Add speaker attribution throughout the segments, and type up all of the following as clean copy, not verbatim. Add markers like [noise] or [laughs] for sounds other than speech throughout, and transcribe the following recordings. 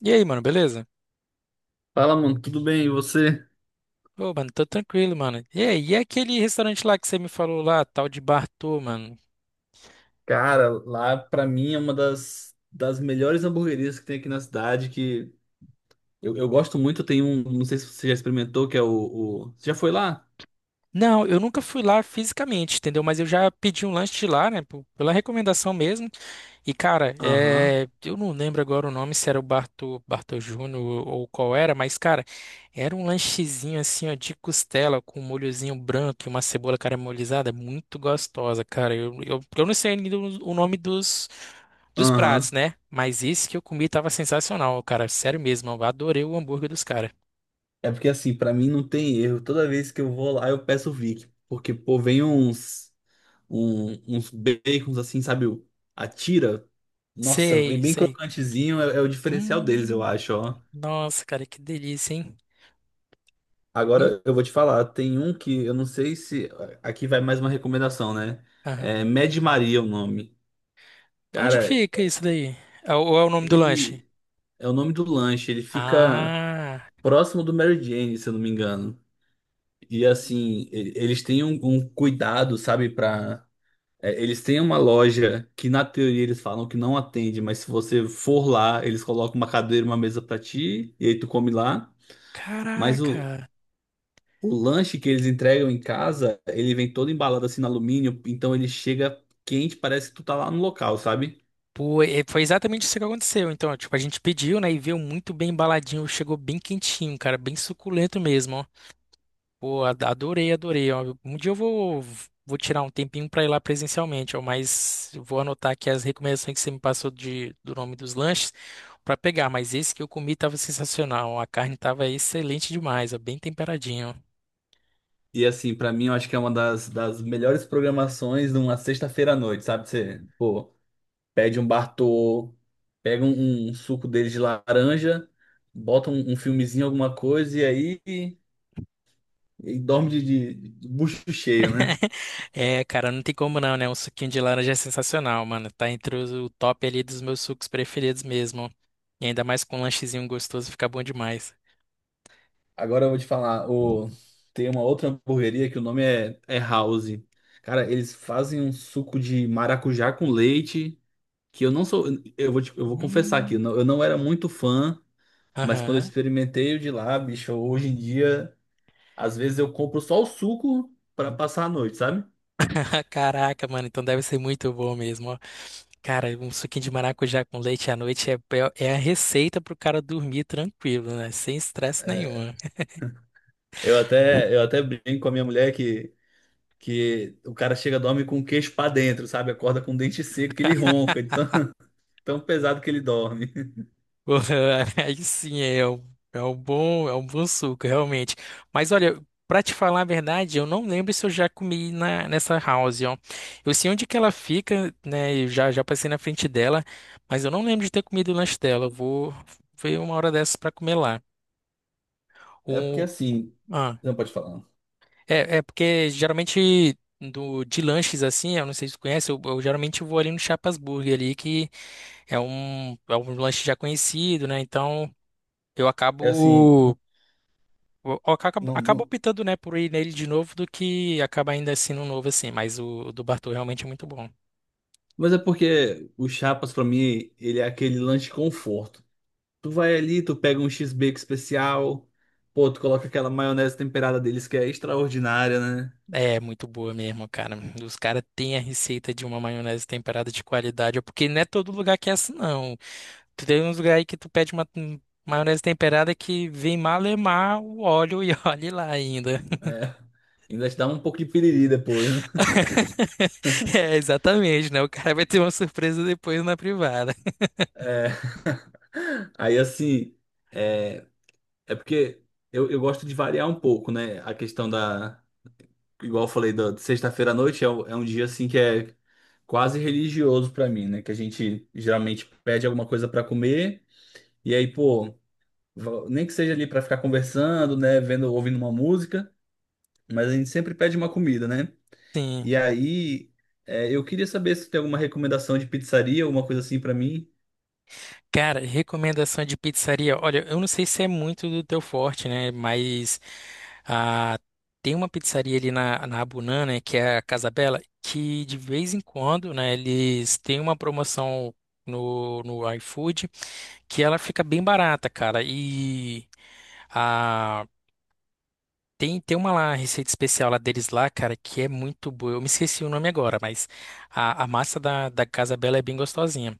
Speaker 1: E aí, mano, beleza?
Speaker 2: Fala, mano, tudo bem? E você?
Speaker 1: Ô, mano, tô tranquilo, mano. E aí, e aquele restaurante lá que você me falou lá, tal de Bartô, mano?
Speaker 2: Cara, lá pra mim é uma das melhores hamburguerias que tem aqui na cidade, que eu gosto muito, tem um, não sei se você já experimentou, que é o... Você já foi lá?
Speaker 1: Não, eu nunca fui lá fisicamente, entendeu? Mas eu já pedi um lanche de lá, né? Pô, pela recomendação mesmo. E, cara,
Speaker 2: Aham,
Speaker 1: eu não lembro agora o nome, se era o Bartô, Bartô Júnior ou qual era, mas, cara, era um lanchezinho assim, ó, de costela com um molhozinho branco e uma cebola caramelizada, muito gostosa, cara. Eu não sei ainda o nome dos, dos pratos,
Speaker 2: aham.
Speaker 1: né? Mas esse que eu comi tava sensacional, cara. Sério mesmo, eu adorei o hambúrguer dos caras.
Speaker 2: É porque assim, pra mim não tem erro, toda vez que eu vou lá eu peço o Vic, porque pô, vem uns bacons assim, sabe, o- a tira, nossa, vem
Speaker 1: Sei,
Speaker 2: bem
Speaker 1: sei.
Speaker 2: crocantezinho, é o diferencial deles, eu
Speaker 1: Hum.
Speaker 2: acho, ó.
Speaker 1: Nossa, cara, que delícia, hein? E aí?
Speaker 2: Agora eu vou te falar, tem um que eu não sei se. Aqui vai mais uma recomendação, né?
Speaker 1: Aham.
Speaker 2: É Mad Maria é o nome.
Speaker 1: Então, onde que
Speaker 2: Cara,
Speaker 1: fica isso daí? É o- ou é o nome do lanche?
Speaker 2: ele é o nome do lanche, ele fica
Speaker 1: Ah,
Speaker 2: próximo do Mary Jane, se eu não me engano. E assim, e- eles têm um, um cuidado, sabe, pra. Eles têm uma loja que na teoria eles falam que não atende, mas se você for lá, eles colocam uma cadeira, e uma mesa pra ti, e aí tu come lá. Mas o,
Speaker 1: caraca.
Speaker 2: O lanche que eles entregam em casa, ele vem todo embalado assim no alumínio, então ele chega quente, parece que tu tá lá no local, sabe?
Speaker 1: Pô, e foi exatamente isso que aconteceu. Então, tipo, a gente pediu, né, e veio muito bem embaladinho, chegou bem quentinho, cara, bem suculento mesmo. Pô, ad- adorei, adorei, ó. Um dia eu vou, vou tirar um tempinho para ir lá presencialmente, ó, mas eu vou anotar aqui as recomendações que você me passou de, do nome dos lanches para pegar. Mas esse que eu comi estava sensacional, ó. A carne estava excelente demais, ó, bem temperadinho, ó.
Speaker 2: E assim, pra mim, eu acho que é uma das melhores programações numa sexta-feira à noite, sabe? Você, pô, pede um Bartô, pega um suco dele de laranja, bota um filmezinho, alguma coisa, e aí e dorme de bucho cheio, né?
Speaker 1: [laughs] É, cara, não tem como não, né? Um suquinho de laranja é sensacional, mano. Tá entre os- o top ali dos meus sucos preferidos mesmo. E ainda mais com um lanchezinho gostoso, fica bom demais.
Speaker 2: Agora eu vou te falar, o... tem uma outra hamburgueria que o nome é House. Cara, eles fazem um suco de maracujá com leite, que eu não sou, eu vou te- eu vou confessar aqui,
Speaker 1: Hum.
Speaker 2: eu não era muito fã, mas quando eu
Speaker 1: Aham.
Speaker 2: experimentei o de lá, bicho, hoje em dia, às vezes eu compro só o suco pra passar a noite, sabe?
Speaker 1: [laughs] Caraca, mano, então deve ser muito bom mesmo, ó. Cara, um suquinho de maracujá com leite à noite é é a receita pro cara dormir tranquilo, né? Sem estresse nenhum.
Speaker 2: Eu até brinco com a minha mulher que o cara chega, dorme com o queixo pra dentro, sabe? Acorda com o dente seco que ele ronca, de tão, [laughs] tão pesado que ele dorme.
Speaker 1: [laughs] Aí sim, é um, é um bom suco, realmente. Mas olha, pra te falar a verdade, eu não lembro se eu já comi na, nessa house, ó. Eu sei onde que ela fica, né? Eu já, já passei na frente dela, mas eu não lembro de ter comido o lanche dela. Eu vou ver uma hora dessas pra comer lá.
Speaker 2: É porque
Speaker 1: O
Speaker 2: assim,
Speaker 1: ah,
Speaker 2: não pode falar.
Speaker 1: é, é porque geralmente do, de lanches assim, eu não sei se tu conhece, eu geralmente vou ali no Chapas Burger ali, que é um lanche já conhecido, né? Então eu
Speaker 2: É assim,
Speaker 1: acabo. O- acaba
Speaker 2: não,
Speaker 1: acaba
Speaker 2: não-
Speaker 1: optando, né, por ir nele de novo do que acaba ainda assim no novo, assim. Mas o do Bartô realmente é muito bom.
Speaker 2: Mas é porque o Chapas, pra mim, ele é aquele lanche conforto. Tu vai ali, tu pega um X-Bacon especial, pô, tu coloca aquela maionese temperada deles que é extraordinária, né?
Speaker 1: É muito boa mesmo, cara. Os caras têm a receita de uma maionese temperada de qualidade. É porque não é todo lugar que é assim, não. Tu tem uns lugares aí que tu pede uma maionese temperada que vem malemar o óleo e [laughs] olhe lá ainda.
Speaker 2: É. [laughs] Ainda te dá um pouco de piriri depois, né?
Speaker 1: [laughs] É, exatamente, né? O cara vai ter uma surpresa depois na privada.
Speaker 2: É. [laughs] Aí, assim, é, é porque eu gosto de variar um pouco, né? A questão da. Igual eu falei, da de sexta-feira à noite é um dia, assim, que é quase religioso pra mim, né? Que a gente geralmente pede alguma coisa pra comer. E aí, pô, va- nem que seja ali pra ficar conversando, né, vendo, ouvindo uma música, mas a gente sempre pede uma comida, né?
Speaker 1: Sim.
Speaker 2: E aí, eu queria saber se tem alguma recomendação de pizzaria, alguma coisa assim pra mim.
Speaker 1: Cara, recomendação de pizzaria. Olha, eu não sei se é muito do teu forte, né? Mas ah, tem uma pizzaria ali na, na Abunã, né? Que é a Casa Bela, que de vez em quando, né? Eles têm uma promoção no, no iFood que ela fica bem barata, cara. E ah, tem, tem uma lá, receita especial lá deles lá, cara, que é muito boa. Eu me esqueci o nome agora, mas a massa da, da Casa Bela é bem gostosinha.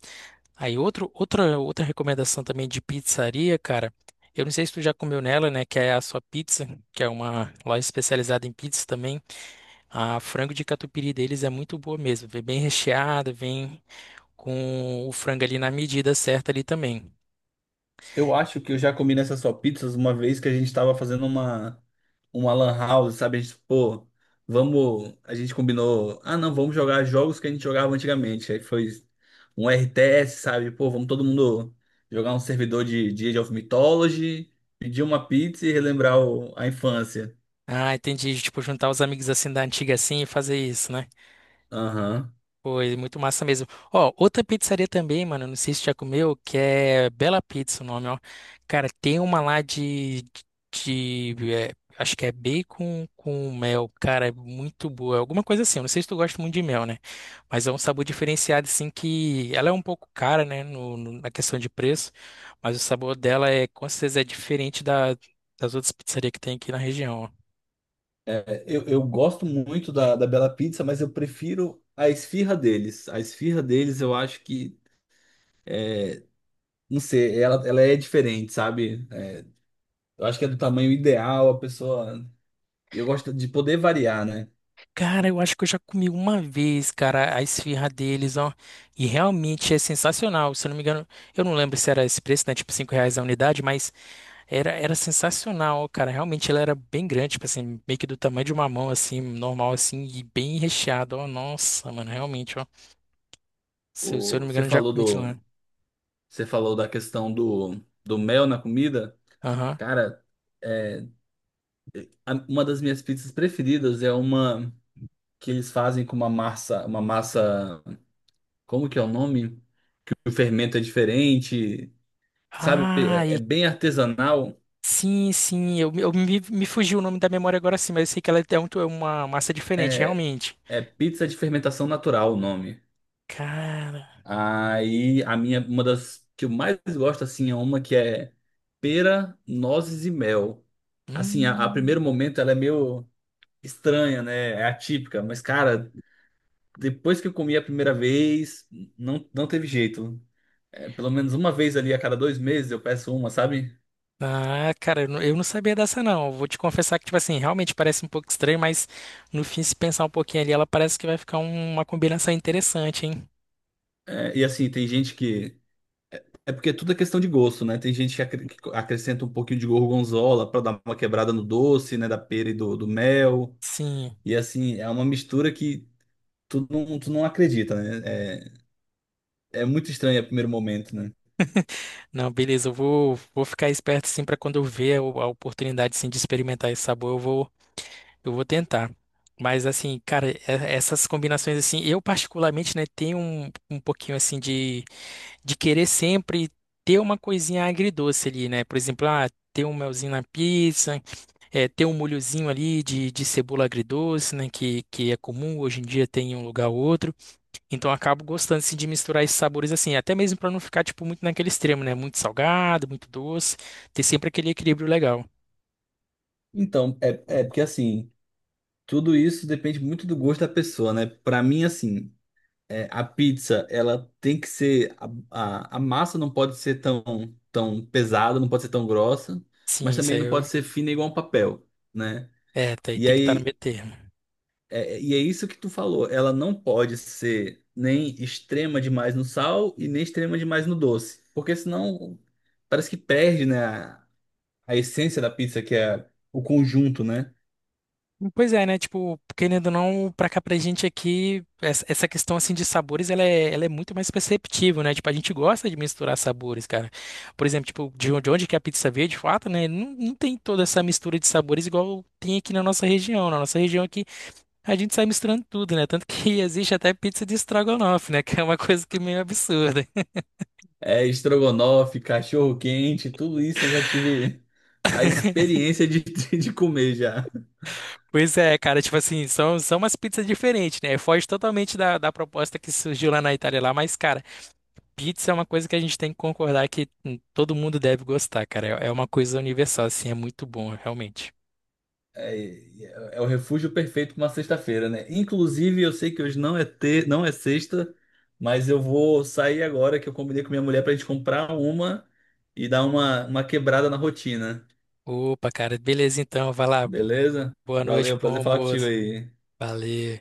Speaker 1: Aí outro, outra, outra recomendação também de pizzaria, cara. Eu não sei se tu já comeu nela, né? Que é a sua pizza, que é uma loja especializada em pizza também. A frango de catupiry deles é muito boa mesmo. Vem bem recheada, vem com o frango ali na medida certa ali também.
Speaker 2: Eu acho que eu já comi nessas só pizzas uma vez que a gente tava fazendo uma lan house, sabe? A gente, pô, vamos, a gente combinou, ah, não, vamos jogar jogos que a gente jogava antigamente. Aí foi um RTS, sabe? Pô, vamos todo mundo jogar um servidor de Age of Mythology, pedir uma pizza e relembrar o- a infância.
Speaker 1: Ah, entendi. Tipo, juntar os amigos assim da antiga assim e fazer isso, né?
Speaker 2: Aham.
Speaker 1: Foi muito massa mesmo. Ó, outra pizzaria também, mano, não sei se já comeu, que é Bela Pizza o nome, ó. Cara, tem uma lá de, de, é, acho que é bacon com mel, cara, é muito boa. Alguma coisa assim, eu não sei se tu gosta muito de mel, né? Mas é um sabor diferenciado, assim, que ela é um pouco cara, né, no, no- na questão de preço, mas o sabor dela é, com certeza, é diferente da, das outras pizzarias que tem aqui na região, ó.
Speaker 2: É, eu gosto muito da Bela Pizza, mas eu prefiro a esfirra deles. A esfirra deles, eu acho que, não sei, ela é diferente, sabe? Eu acho que é do tamanho ideal, a pessoa. E Eu gosto de poder variar, né?
Speaker 1: Cara, eu acho que eu já comi uma vez, cara, a esfirra deles, ó. E realmente é sensacional. Se eu não me engano, eu não lembro se era esse preço, né? Tipo, 5 reais a unidade, mas era, era sensacional, cara. Realmente ela era bem grande, tipo assim, meio que do tamanho de uma mão, assim, normal, assim, e bem recheado, ó. Nossa, mano, realmente, ó. Se, eu se eu
Speaker 2: O...
Speaker 1: não me
Speaker 2: Você
Speaker 1: engano, eu já
Speaker 2: falou
Speaker 1: comi de lá.
Speaker 2: do. Você falou da questão do, do mel na comida.
Speaker 1: Aham.
Speaker 2: Cara, é... a- uma das minhas pizzas preferidas é uma que eles fazem com uma massa, uma massa. Como que é o nome? O fermento é diferente, sabe?
Speaker 1: Ah,
Speaker 2: É bem artesanal.
Speaker 1: sim, sim, eu me, me fugiu o nome da memória agora sim, mas eu sei que ela é um- é uma massa diferente,
Speaker 2: É...
Speaker 1: realmente.
Speaker 2: é pizza de fermentação natural o nome.
Speaker 1: Cara.
Speaker 2: Aí a minha, uma das que eu mais gosto assim é uma que é pera, nozes e mel. Assim, a primeiro
Speaker 1: Hum.
Speaker 2: momento ela é meio estranha, né? É atípica, mas cara, depois que eu comi a primeira vez, não teve jeito. É, pelo menos uma vez ali a cada dois meses eu peço uma, sabe?
Speaker 1: Ah, cara, eu não sabia dessa não. Vou te confessar que, tipo assim, realmente parece um pouco estranho, mas no fim, se pensar um pouquinho ali, ela parece que vai ficar um- uma combinação interessante, hein?
Speaker 2: E assim, tem gente que. É porque tudo é questão de gosto, né? Tem gente que acrescenta um pouquinho de gorgonzola pra dar uma quebrada no doce, né? Da pera e do mel.
Speaker 1: Sim.
Speaker 2: E assim, é uma mistura que tu não acredita, né? É muito estranho a primeiro momento, né?
Speaker 1: Não, beleza, eu vou, vou ficar esperto sim pra quando eu ver a oportunidade sim, de experimentar esse sabor, eu vou, eu vou tentar. Mas assim, cara, e- essas combinações assim, eu particularmente, né, tenho um, um pouquinho assim de querer sempre ter uma coisinha agridoce ali, né? Por exemplo, ah, ter um melzinho na pizza, é, ter um molhozinho ali de cebola agridoce, né, que é comum hoje em dia tem em um lugar ou outro. Então eu acabo gostando assim, de misturar esses sabores assim, até mesmo para não ficar tipo muito naquele extremo, né? Muito salgado, muito doce, ter sempre aquele equilíbrio legal.
Speaker 2: Então, é porque assim, tudo isso depende muito do gosto da pessoa, né? Pra mim, assim, a pizza, ela tem que ser. A massa não pode ser tão pesada, não pode ser tão grossa, mas
Speaker 1: Sim, isso
Speaker 2: também
Speaker 1: aí
Speaker 2: não
Speaker 1: eu-
Speaker 2: pode ser fina igual um papel, né?
Speaker 1: é, tá aí,
Speaker 2: E
Speaker 1: tem que estar no
Speaker 2: aí,
Speaker 1: meio termo.
Speaker 2: e é isso que tu falou, ela não pode ser nem extrema demais no sal e nem extrema demais no doce, porque senão parece que perde, né? A essência da pizza, que é o conjunto, né?
Speaker 1: Pois é, né? Tipo, querendo ou não, pra cá pra gente aqui, essa questão assim de sabores, ela é muito mais perceptível, né? Tipo, a gente gosta de misturar sabores, cara. Por exemplo, tipo, de onde que é a pizza veio, de fato, né? Não, não tem toda essa mistura de sabores igual tem aqui na nossa região. Na nossa região aqui, a gente sai misturando tudo, né? Tanto que [laughs] existe até pizza de estrogonofe, né? Que é uma coisa que é meio absurda. [laughs]
Speaker 2: É estrogonofe, cachorro-quente, tudo isso eu já tive a experiência de, [laughs] de comer já.
Speaker 1: Pois é, cara, tipo assim, são, são umas pizzas diferentes, né? Foge totalmente da, da proposta que surgiu lá na Itália lá, mas, cara. Pizza é uma coisa que a gente tem que concordar que todo mundo deve gostar, cara. É uma coisa universal, assim, é muito bom, realmente.
Speaker 2: É, é o refúgio perfeito para uma sexta-feira, né? Inclusive, eu sei que hoje não é ter, não é sexta, mas eu vou sair agora que eu combinei com minha mulher para a gente comprar uma e dar uma quebrada na rotina.
Speaker 1: Opa, cara, beleza então, vai lá.
Speaker 2: Beleza?
Speaker 1: Boa noite,
Speaker 2: Valeu,
Speaker 1: bom
Speaker 2: prazer falar contigo
Speaker 1: almoço.
Speaker 2: aí.
Speaker 1: Valeu.